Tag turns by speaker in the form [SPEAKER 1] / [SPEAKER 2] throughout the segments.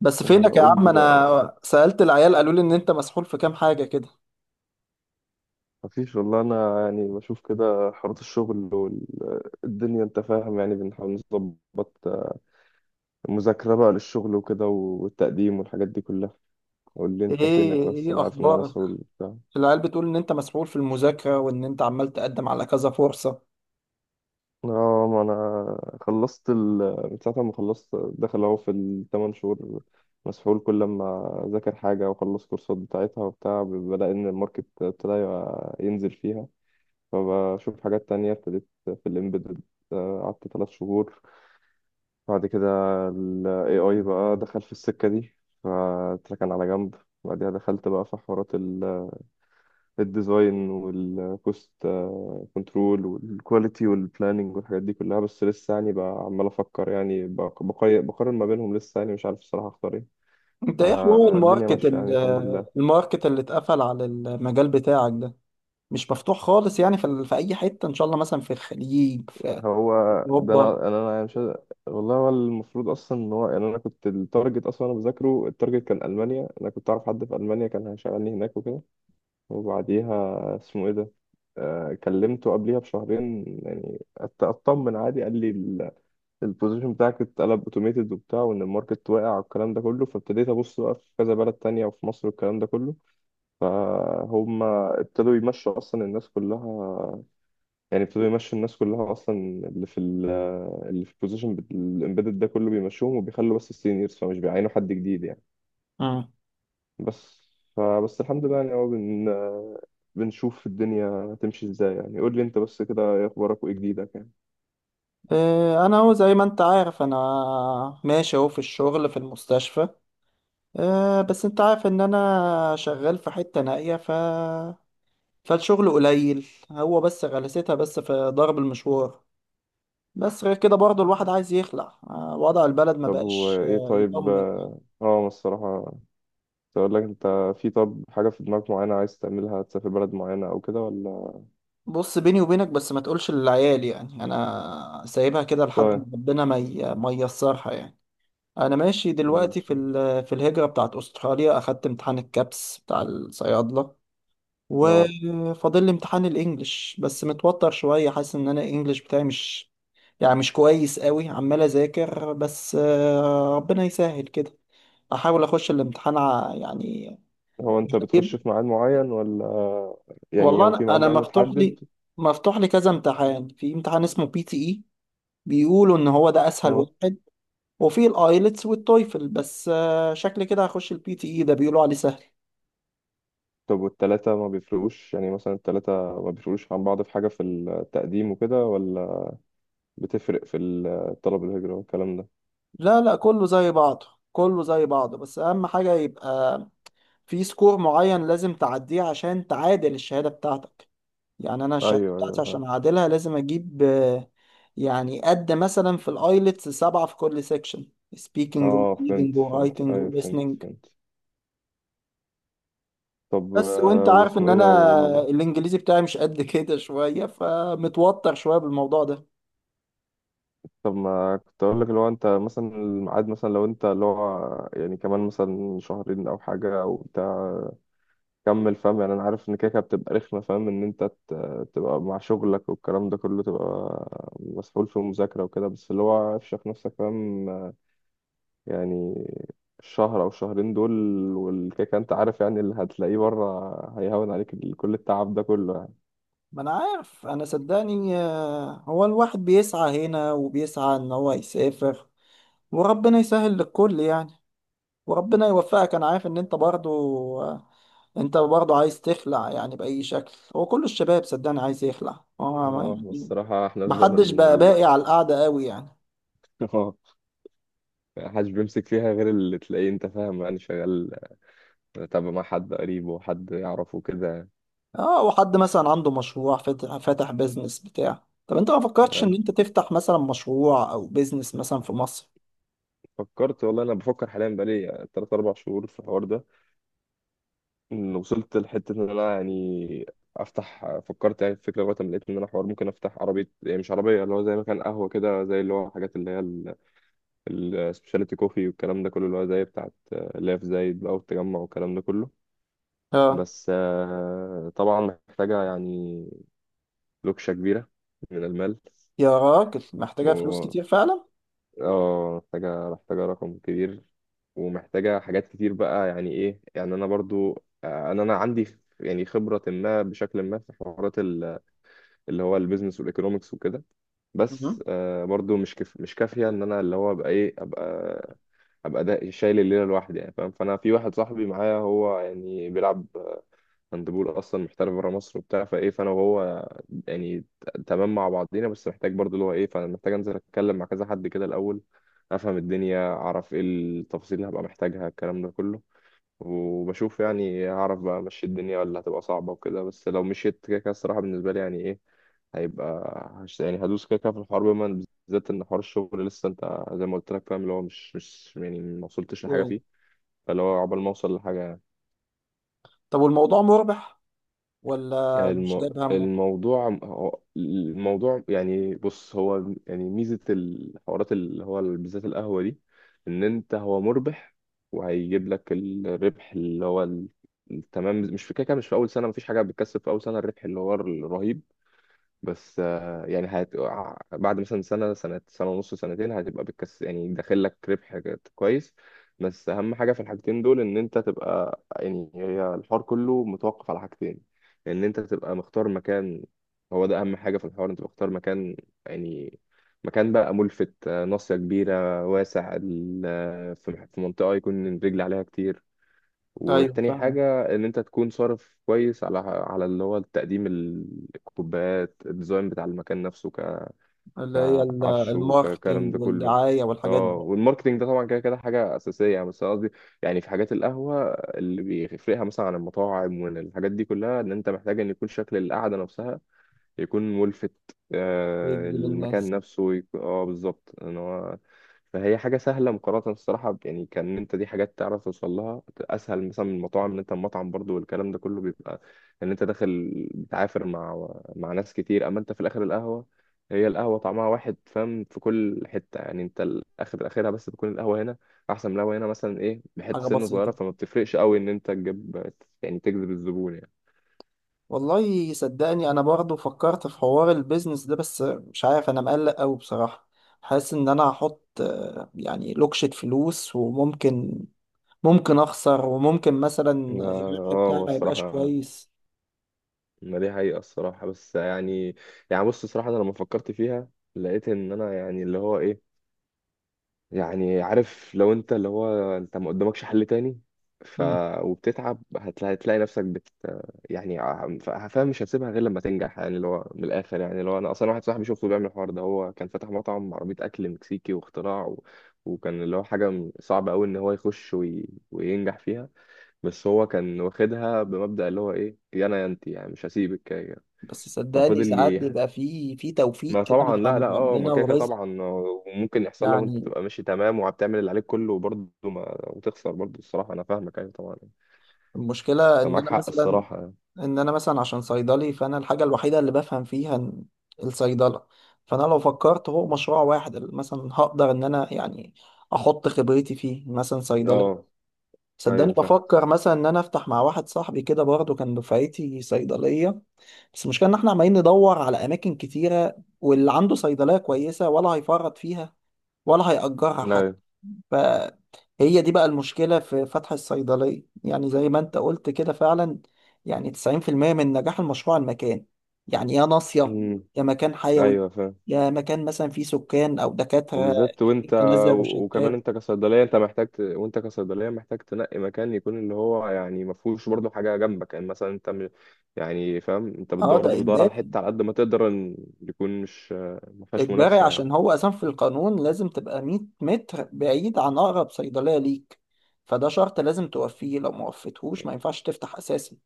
[SPEAKER 1] بس
[SPEAKER 2] آه،
[SPEAKER 1] فينك يا
[SPEAKER 2] قول
[SPEAKER 1] عم؟
[SPEAKER 2] لي بقى.
[SPEAKER 1] انا سألت العيال قالوا لي ان انت مسحول في كام حاجة كده.
[SPEAKER 2] مفيش والله، انا يعني بشوف كده حوارات الشغل والدنيا، انت فاهم، يعني بنحاول نظبط المذاكرة بقى للشغل وكده والتقديم والحاجات دي كلها. قول لي
[SPEAKER 1] ايه
[SPEAKER 2] انت فينك، بس
[SPEAKER 1] ايه
[SPEAKER 2] انا عارف ان انا
[SPEAKER 1] اخبارك؟
[SPEAKER 2] مسؤول وبتاع.
[SPEAKER 1] العيال بتقول ان انت مسحول في المذاكرة وان انت عمال تقدم على كذا فرصة.
[SPEAKER 2] اه، ما انا خلصت من ساعة ما خلصت داخل اهو في الثمان شهور، مسحول. كل ما اذاكر حاجة واخلص كورسات بتاعتها وبتاع، بلاقي ان الماركت ابتدى ينزل فيها. فبشوف حاجات تانية، ابتديت في الامبيدد، قعدت ثلاث شهور. بعد كده ال AI بقى دخل في السكة دي، فاتركن على جنب. بعدها دخلت بقى في حوارات الديزاين والكوست كنترول والكواليتي والبلاننج والحاجات دي كلها، بس لسه يعني بقى عمال أفكر، يعني بقارن ما بينهم. لسه يعني مش عارف الصراحة أختار إيه.
[SPEAKER 1] انت ايه حوار
[SPEAKER 2] فالدنيا
[SPEAKER 1] الماركت
[SPEAKER 2] ماشية يعني، الحمد لله.
[SPEAKER 1] الماركت اللي اتقفل على المجال بتاعك ده؟ مش مفتوح خالص يعني في اي حتة ان شاء الله، مثلا في الخليج، في
[SPEAKER 2] هو ده،
[SPEAKER 1] اوروبا.
[SPEAKER 2] أنا يعني مش عايز- والله هو المفروض أصلا إن هو، يعني أنا كنت التارجت أصلا، أنا بذاكره التارجت كان ألمانيا. أنا كنت أعرف حد في ألمانيا كان هيشغلني هناك وكده، وبعديها اسمه ايه ده، آه، كلمته قبليها بشهرين يعني، اطمن عادي. قال لي البوزيشن بتاعك اتقلب اوتوميتد وبتاع، وان الماركت واقع والكلام ده كله. فابتديت ابص بقى في كذا بلد تانية، وفي مصر والكلام ده كله. فهم ابتدوا يمشوا اصلا الناس كلها، يعني ابتدوا يمشوا الناس كلها اصلا، اللي في اللي في البوزيشن الامبيدد ده كله بيمشوهم، وبيخلوا بس السينيورز، فمش بيعينوا حد جديد يعني.
[SPEAKER 1] مم.
[SPEAKER 2] بس، فبس الحمد لله يعني. هو بنشوف الدنيا تمشي ازاي يعني. قول لي انت بس كده، ايه اخبارك وايه جديدك يعني؟
[SPEAKER 1] إيه، انا هو زي ما انت عارف انا ماشي اهو في الشغل في المستشفى. بس انت عارف ان انا شغال في حتة نائية ف فالشغل قليل، هو بس غلستها بس في ضرب المشوار. بس غير كده برضه الواحد عايز يخلع، وضع البلد ما
[SPEAKER 2] طب هو
[SPEAKER 1] بقاش
[SPEAKER 2] ايه؟ طيب،
[SPEAKER 1] يطمن.
[SPEAKER 2] اه، أنا الصراحة كنت اقول لك انت، في طب حاجة في دماغك معينة عايز تعملها، تسافر بلد معينة او كده ولا؟
[SPEAKER 1] بص بيني وبينك بس ما تقولش للعيال، يعني انا سايبها كده لحد ما
[SPEAKER 2] طيب.
[SPEAKER 1] ربنا ما ييسرها يعني. انا ماشي دلوقتي في
[SPEAKER 2] مش-
[SPEAKER 1] في الهجرة بتاعت استراليا، اخدت امتحان الكابس بتاع الصيادلة
[SPEAKER 2] اه.
[SPEAKER 1] وفاضل لي امتحان الانجليش، بس متوتر شوية، حاسس ان انا الانجليش بتاعي مش يعني مش كويس قوي، عمال اذاكر بس ربنا يسهل كده. احاول اخش الامتحان يعني
[SPEAKER 2] هو انت بتخش
[SPEAKER 1] جيب.
[SPEAKER 2] في ميعاد معين ولا؟ يعني
[SPEAKER 1] والله
[SPEAKER 2] هو في ميعاد
[SPEAKER 1] أنا
[SPEAKER 2] معين
[SPEAKER 1] مفتوح لي،
[SPEAKER 2] متحدد؟
[SPEAKER 1] مفتوح لي كذا امتحان. في امتحان اسمه بي تي اي، بيقولوا ان هو ده اسهل
[SPEAKER 2] اه.
[SPEAKER 1] واحد، وفي الايلتس والتويفل، بس شكلي كده هخش البي تي اي ده بيقولوا عليه سهل.
[SPEAKER 2] طب والتلاتة ما بيفرقوش يعني؟ مثلا التلاتة ما بيفرقوش عن بعض في حاجة في التقديم وكده، ولا بتفرق في الطلب الهجرة والكلام ده؟
[SPEAKER 1] لا لا، كله زي بعضه كله زي بعضه، بس اهم حاجة يبقى في سكور معين لازم تعديه عشان تعادل الشهادة بتاعتك. يعني أنا الشهادة
[SPEAKER 2] ايوه،
[SPEAKER 1] بتاعتي
[SPEAKER 2] ايوه.
[SPEAKER 1] عشان أعادلها لازم أجيب يعني قد مثلا في الآيلتس سبعة في كل سيكشن، speaking و
[SPEAKER 2] اه،
[SPEAKER 1] reading
[SPEAKER 2] فهمت
[SPEAKER 1] و
[SPEAKER 2] فهمت،
[SPEAKER 1] writing و
[SPEAKER 2] ايوه فهمت
[SPEAKER 1] listening.
[SPEAKER 2] فهمت. طب
[SPEAKER 1] بس وأنت عارف
[SPEAKER 2] واسمه
[SPEAKER 1] إن
[SPEAKER 2] ايه
[SPEAKER 1] أنا
[SPEAKER 2] ده
[SPEAKER 1] الإنجليزي بتاعي مش قد كده شوية، فمتوتر شوية بالموضوع ده.
[SPEAKER 2] طب ما كنت اقول لك، لو انت مثلا الميعاد، مثلا لو انت اللي هو يعني كمان مثلا شهرين او حاجه او بتاع، كمل. فاهم يعني، انا عارف ان كده كده بتبقى رخمه، فاهم، ان انت تبقى مع شغلك والكلام ده كله، تبقى مسؤول في المذاكره وكده، بس اللي هو افشخ نفسك، فاهم يعني، الشهر او شهرين دول، والكيكه انت عارف يعني اللي هتلاقيه بره، هيهون عليك كل التعب ده كله.
[SPEAKER 1] ما أنا عارف، أنا صدقني هو الواحد بيسعى هنا وبيسعى إن هو يسافر، وربنا يسهل للكل يعني. وربنا يوفقك، أنا عارف إن أنت برضو انت برضه عايز تخلع يعني بأي شكل. هو كل الشباب صدقني عايز يخلع، هو ما
[SPEAKER 2] اه احنا
[SPEAKER 1] يعني
[SPEAKER 2] الصراحة احنا في
[SPEAKER 1] محدش
[SPEAKER 2] زمن
[SPEAKER 1] بقى باقي
[SPEAKER 2] ال
[SPEAKER 1] على القعدة قوي يعني.
[SPEAKER 2] اه، محدش بيمسك فيها غير اللي تلاقيه انت، فاهم يعني، شغال تابع مع حد قريب وحد يعرفه كده.
[SPEAKER 1] اه، وحد مثلا عنده مشروع فاتح، فاتح بيزنس بتاع. طب انت ما
[SPEAKER 2] يعني،
[SPEAKER 1] فكرتش ان
[SPEAKER 2] انا
[SPEAKER 1] انت تفتح مثلا مشروع او بيزنس مثلا في مصر؟
[SPEAKER 2] فكرت والله، انا بفكر حاليا بقالي تلات اربع شهور في الحوار ده، ان وصلت لحتة ان انا يعني افتح. فكرت يعني في فكرة، لغاية ما لقيت ان انا حوار ممكن افتح عربية، يعني مش عربية، اللي هو زي مكان قهوة كده، زي اللي هو الحاجات اللي هي السبيشاليتي كوفي والكلام ده كله، اللي هو زي بتاعت اللي هي في زايد بقى والتجمع والكلام ده كله.
[SPEAKER 1] اه.
[SPEAKER 2] بس طبعا محتاجة يعني لوكشة كبيرة من المال.
[SPEAKER 1] يا راجل محتاجة فلوس
[SPEAKER 2] و
[SPEAKER 1] كتير فعلا.
[SPEAKER 2] اه، محتاجة، محتاجة رقم كبير، ومحتاجة حاجات كتير بقى يعني. ايه يعني، انا برضو انا عندي يعني خبرة ما بشكل ما في حوارات اللي هو البيزنس والايكونومكس وكده، بس
[SPEAKER 1] مهم.
[SPEAKER 2] برضو مش كافية ان انا اللي هو ابقى ايه، ابقى، ابقى ده شايل الليلة لوحدي يعني، فاهم. فانا في واحد صاحبي معايا، هو يعني بيلعب هاندبول، اصلا محترف بره مصر وبتاع. فايه، فانا وهو يعني تمام مع بعضينا، بس محتاج برضه اللي هو ايه، فانا محتاج انزل اتكلم مع كذا حد كده الاول، افهم الدنيا، اعرف ايه التفاصيل اللي هبقى محتاجها الكلام ده كله. وبشوف يعني هعرف بقى امشي الدنيا، ولا هتبقى صعبة وكده. بس لو مشيت كده كده الصراحة بالنسبة لي، يعني ايه، هيبقى هش يعني، هدوس كده كده في الحوار، بما بالذات ان حوار الشغل لسه انت زي ما قلت لك، فاهم اللي هو مش يعني ما وصلتش لحاجة
[SPEAKER 1] ايوه.
[SPEAKER 2] فيه، فاللي هو عقبال ما اوصل لحاجة.
[SPEAKER 1] طب والموضوع مربح ولا مش
[SPEAKER 2] الم...
[SPEAKER 1] جايب همه؟
[SPEAKER 2] الموضوع الموضوع يعني، بص، هو يعني ميزة الحوارات اللي هو بالذات القهوة دي، إن أنت هو مربح، وهيجيب لك الربح اللي هو التمام. مش في كده كده، مش في أول سنة، مفيش حاجة بتكسب في أول سنة الربح اللي هو الرهيب، بس يعني هت... آه، بعد مثلا سنة سنة، سنة ونص، سنتين، هتبقى بتكس يعني داخل لك ربح كويس. بس أهم حاجة في الحاجتين دول، إن أنت تبقى، يعني هي الحوار كله متوقف على حاجتين. إن أنت تبقى مختار مكان، هو ده أهم حاجة في الحوار، أنت مختار مكان، يعني مكان بقى ملفت، ناصية كبيرة واسع في منطقة يكون الرجل عليها كتير.
[SPEAKER 1] ايوه
[SPEAKER 2] والتاني
[SPEAKER 1] فاهمة،
[SPEAKER 2] حاجة إن أنت تكون صارف كويس على على اللي هو التقديم، الكوبايات، الديزاين بتاع المكان نفسه،
[SPEAKER 1] اللي هي
[SPEAKER 2] كعفش وكلام ده
[SPEAKER 1] الماركتينج
[SPEAKER 2] كله.
[SPEAKER 1] والدعاية والحاجات
[SPEAKER 2] اه،
[SPEAKER 1] دي.
[SPEAKER 2] والماركتينج ده طبعا كده كده حاجة أساسية يعني، بس أنا قصدي يعني في حاجات القهوة اللي بيفرقها مثلا عن المطاعم والحاجات دي كلها، إن أنت محتاج إن يكون شكل القعدة نفسها يكون ملفت،
[SPEAKER 1] ويجذب
[SPEAKER 2] المكان
[SPEAKER 1] الناس.
[SPEAKER 2] نفسه يكون اه بالظبط ان هو. فهي حاجه سهله مقارنه الصراحه، يعني كان انت، دي حاجات تعرف توصل لها اسهل مثلا من المطاعم، ان انت المطعم برضو والكلام ده كله بيبقى ان انت داخل بتعافر مع مع ناس كتير. اما انت في الاخر القهوه، هي القهوه طعمها واحد، فاهم، في كل حته يعني، انت الاخر اخرها بس بتكون القهوه هنا احسن من القهوه هنا مثلا، ايه، بحته
[SPEAKER 1] حاجة
[SPEAKER 2] سنه صغيره،
[SPEAKER 1] بسيطة.
[SPEAKER 2] فما بتفرقش قوي ان انت تجيب يعني، تجذب الزبون يعني.
[SPEAKER 1] والله صدقني انا برضو فكرت في حوار البيزنس ده، بس مش عارف، انا مقلق قوي بصراحة. حاسس ان انا هحط يعني لوكشة فلوس، وممكن ممكن اخسر، وممكن مثلا
[SPEAKER 2] ما-
[SPEAKER 1] الربح
[SPEAKER 2] اه،
[SPEAKER 1] بتاعي
[SPEAKER 2] ما
[SPEAKER 1] ما يبقاش
[SPEAKER 2] الصراحة،
[SPEAKER 1] كويس.
[SPEAKER 2] ما دي حقيقة الصراحة، بس يعني يعني بص الصراحة، أنا لما فكرت فيها لقيت إن أنا يعني اللي هو إيه يعني، عارف، لو أنت اللي هو أنت ما قدامكش حل تاني، ف
[SPEAKER 1] مم.
[SPEAKER 2] وبتتعب هتلاقي، هتلاقي نفسك بت، يعني فاهم، مش هتسيبها غير لما تنجح. يعني اللي هو من الآخر يعني، اللي هو أنا أصلا واحد صاحبي شفته بيعمل الحوار ده، هو كان فاتح مطعم عربية أكل مكسيكي واختراع وكان اللي هو حاجة صعبة أوي إن هو يخش وينجح فيها، بس هو كان واخدها بمبدأ اللي هو إيه، يا أنا يا أنت يعني مش هسيبك.
[SPEAKER 1] بس صدقني
[SPEAKER 2] ففضل
[SPEAKER 1] ساعات
[SPEAKER 2] لي.
[SPEAKER 1] بيبقى في في توفيق
[SPEAKER 2] ما
[SPEAKER 1] كده من
[SPEAKER 2] طبعا، لا لا،
[SPEAKER 1] عند
[SPEAKER 2] اه ما
[SPEAKER 1] ربنا
[SPEAKER 2] كده كده
[SPEAKER 1] ورزق
[SPEAKER 2] طبعا وممكن يحصل، لو انت
[SPEAKER 1] يعني.
[SPEAKER 2] تبقى ماشي تمام وبتعمل اللي عليك كله وبرضه ما، وتخسر برضه، الصراحه انا فاهمك، ايوه طبعا يعني.
[SPEAKER 1] المشكلة ان
[SPEAKER 2] فمعاك
[SPEAKER 1] انا
[SPEAKER 2] حق
[SPEAKER 1] مثلا،
[SPEAKER 2] الصراحه يعني.
[SPEAKER 1] ان انا مثلا عشان صيدلي، فانا الحاجه الوحيده اللي بفهم فيها إن الصيدله. فانا لو فكرت هو مشروع واحد اللي مثلا هقدر ان انا يعني احط خبرتي فيه، مثلا صيدلي.
[SPEAKER 2] اه،
[SPEAKER 1] صدقني
[SPEAKER 2] ايوه فاهم،
[SPEAKER 1] بفكر مثلا ان انا افتح مع واحد صاحبي كده برضه كان دفعتي صيدليه، بس المشكله ان احنا عمالين ندور على اماكن كتيره، واللي عنده صيدليه كويسه ولا هيفرط فيها ولا هيأجرها حتى.
[SPEAKER 2] ايوه،
[SPEAKER 1] فهي دي بقى المشكلة في فتح الصيدلية، يعني زي ما انت قلت كده فعلا، يعني 90% من نجاح المشروع المكان. يعني يا ناصية،
[SPEAKER 2] امم،
[SPEAKER 1] يا مكان حيوي،
[SPEAKER 2] ايوه فاهم.
[SPEAKER 1] يا مكان مثلا فيه سكان أو دكاترة
[SPEAKER 2] وبالذات وانت،
[SPEAKER 1] كتير تنزل
[SPEAKER 2] وكمان
[SPEAKER 1] روشتات.
[SPEAKER 2] انت كصيدليه انت محتاج وانت كصيدليه محتاج تنقي مكان يكون اللي هو يعني ما فيهوش برضه حاجه جنبك يعني، مثلا انت يعني فاهم، انت
[SPEAKER 1] اه
[SPEAKER 2] بتدور
[SPEAKER 1] ده
[SPEAKER 2] برضه، بتدور على
[SPEAKER 1] إجباري،
[SPEAKER 2] حته على قد ما تقدر ان يكون مش ما فيهاش
[SPEAKER 1] إجباري
[SPEAKER 2] منافسه يعني.
[SPEAKER 1] عشان هو أساسا في القانون لازم تبقى 100 متر بعيد عن أقرب صيدلية ليك، فده شرط لازم توفيه، لو ما وفيتهوش ما ينفعش تفتح أساسا.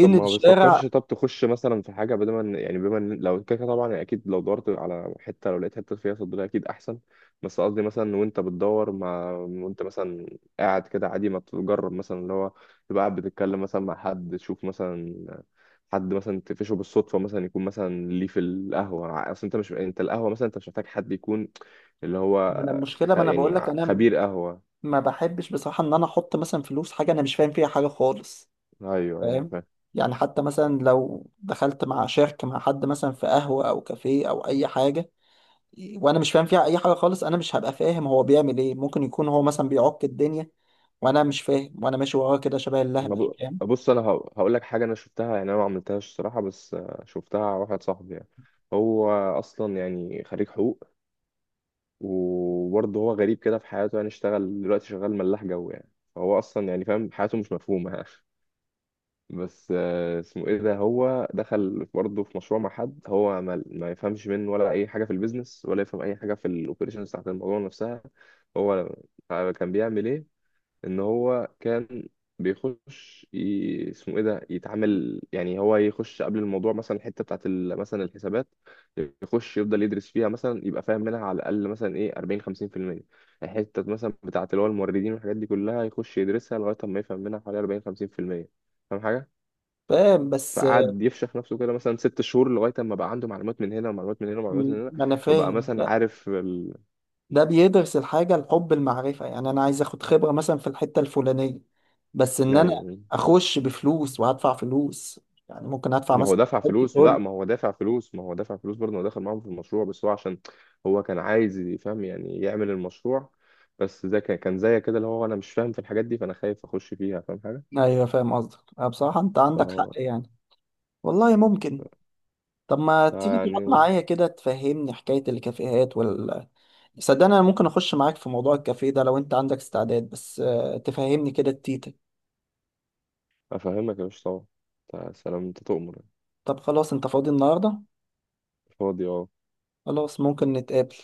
[SPEAKER 2] طب ما
[SPEAKER 1] الشارع؟
[SPEAKER 2] بتفكرش، طب تخش مثلا في حاجة، بدل ما يعني بما لو كده كده طبعا أكيد، لو دورت على حتة لو لقيت حتة فيها صيدلية أكيد أحسن، بس قصدي مثلا وأنت بتدور، مع وأنت مثلا قاعد كده عادي، ما تجرب مثلا اللي هو تبقى قاعد بتتكلم مثلا مع حد، تشوف مثلا حد مثلا تقفشه بالصدفة، مثلا يكون مثلا ليه في القهوة، أصل أنت مش، أنت القهوة مثلا أنت مش محتاج حد يكون اللي هو
[SPEAKER 1] ما انا المشكله، ما انا
[SPEAKER 2] يعني
[SPEAKER 1] بقول لك
[SPEAKER 2] خبير قهوة.
[SPEAKER 1] ما بحبش بصراحه ان انا احط مثلا فلوس حاجه انا مش فاهم فيها حاجه خالص،
[SPEAKER 2] أيوه، أيوه.
[SPEAKER 1] فاهم؟ يعني حتى مثلا لو دخلت مع شركه، مع حد مثلا في قهوه او كافيه او اي حاجه وانا مش فاهم فيها اي حاجه خالص، انا مش هبقى فاهم هو بيعمل ايه. ممكن يكون هو مثلا بيعك الدنيا وانا مش فاهم، وانا ماشي وراه كده شبه
[SPEAKER 2] ما
[SPEAKER 1] اللهبل،
[SPEAKER 2] ب-
[SPEAKER 1] فاهم؟
[SPEAKER 2] بص، انا هقول لك حاجه، انا شفتها يعني، انا ما عملتهاش الصراحه، بس شفتها على واحد صاحبي يعني. هو اصلا يعني خريج حقوق، وبرضه هو غريب كده في حياته يعني، اشتغل دلوقتي شغال ملاح جو يعني، فهو اصلا يعني فاهم حياته مش مفهومه يعني بس اسمه ايه ده، هو دخل برضه في مشروع مع حد، هو ما يفهمش منه ولا اي حاجه في البيزنس، ولا يفهم اي حاجه في الاوبريشنز بتاعت الموضوع نفسها. هو كان بيعمل ايه، ان هو كان بيخش اسمه ايه ده، يتعامل يعني، هو يخش قبل الموضوع مثلا الحته مثلا الحسابات، يخش يفضل يدرس فيها مثلا يبقى فاهم منها على الاقل مثلا ايه 40 50%. الحته مثلا بتاعت اللي هو الموردين والحاجات دي كلها يخش يدرسها لغايه ما يفهم منها حوالي 40 50%، فاهم حاجه.
[SPEAKER 1] فاهم بس
[SPEAKER 2] فقعد يفشخ نفسه كده مثلا ست شهور، لغايه ما بقى عنده معلومات من هنا، ومعلومات من هنا، ومعلومات من هنا.
[SPEAKER 1] ما انا
[SPEAKER 2] فبقى
[SPEAKER 1] فاهم،
[SPEAKER 2] مثلا عارف
[SPEAKER 1] ده بيدرس الحاجة الحب المعرفة، يعني أنا عايز أخد خبرة مثلا في الحتة الفلانية، بس إن أنا
[SPEAKER 2] ايوه.
[SPEAKER 1] أخش بفلوس وهدفع فلوس، يعني ممكن أدفع
[SPEAKER 2] ما هو
[SPEAKER 1] مثلا،
[SPEAKER 2] دافع
[SPEAKER 1] ممكن
[SPEAKER 2] فلوس، لا،
[SPEAKER 1] تقول.
[SPEAKER 2] ما هو دافع فلوس، ما هو دافع فلوس برضه، هو دخل معاهم في المشروع، بس هو عشان هو كان عايز يفهم يعني يعمل المشروع، بس ده كان كان زي كده اللي هو انا مش فاهم في الحاجات دي، فانا خايف اخش فيها، فاهم حاجه.
[SPEAKER 1] أيوه فاهم قصدك، أه بصراحة أنت عندك حق
[SPEAKER 2] فهو
[SPEAKER 1] يعني. والله ممكن. طب ما تيجي تقعد
[SPEAKER 2] فيعني
[SPEAKER 1] معايا كده تفهمني حكاية الكافيهات وال. صدقني أنا ممكن أخش معاك في موضوع الكافيه ده لو أنت عندك استعداد، بس تفهمني كده التيتا.
[SPEAKER 2] افهمك يا باشا، طبعا، يا سلام، انت تؤمر يعني.
[SPEAKER 1] طب خلاص، أنت فاضي النهاردة؟
[SPEAKER 2] فاضي اه.
[SPEAKER 1] خلاص ممكن نتقابل.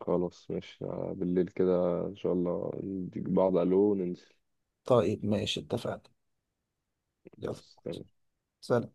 [SPEAKER 2] خلاص ماشي، بالليل كده ان شاء الله، نديك بعض الو وننزل.
[SPEAKER 1] طيب ماشي اتفقنا. يلا.
[SPEAKER 2] خلاص تمام.
[SPEAKER 1] سلام.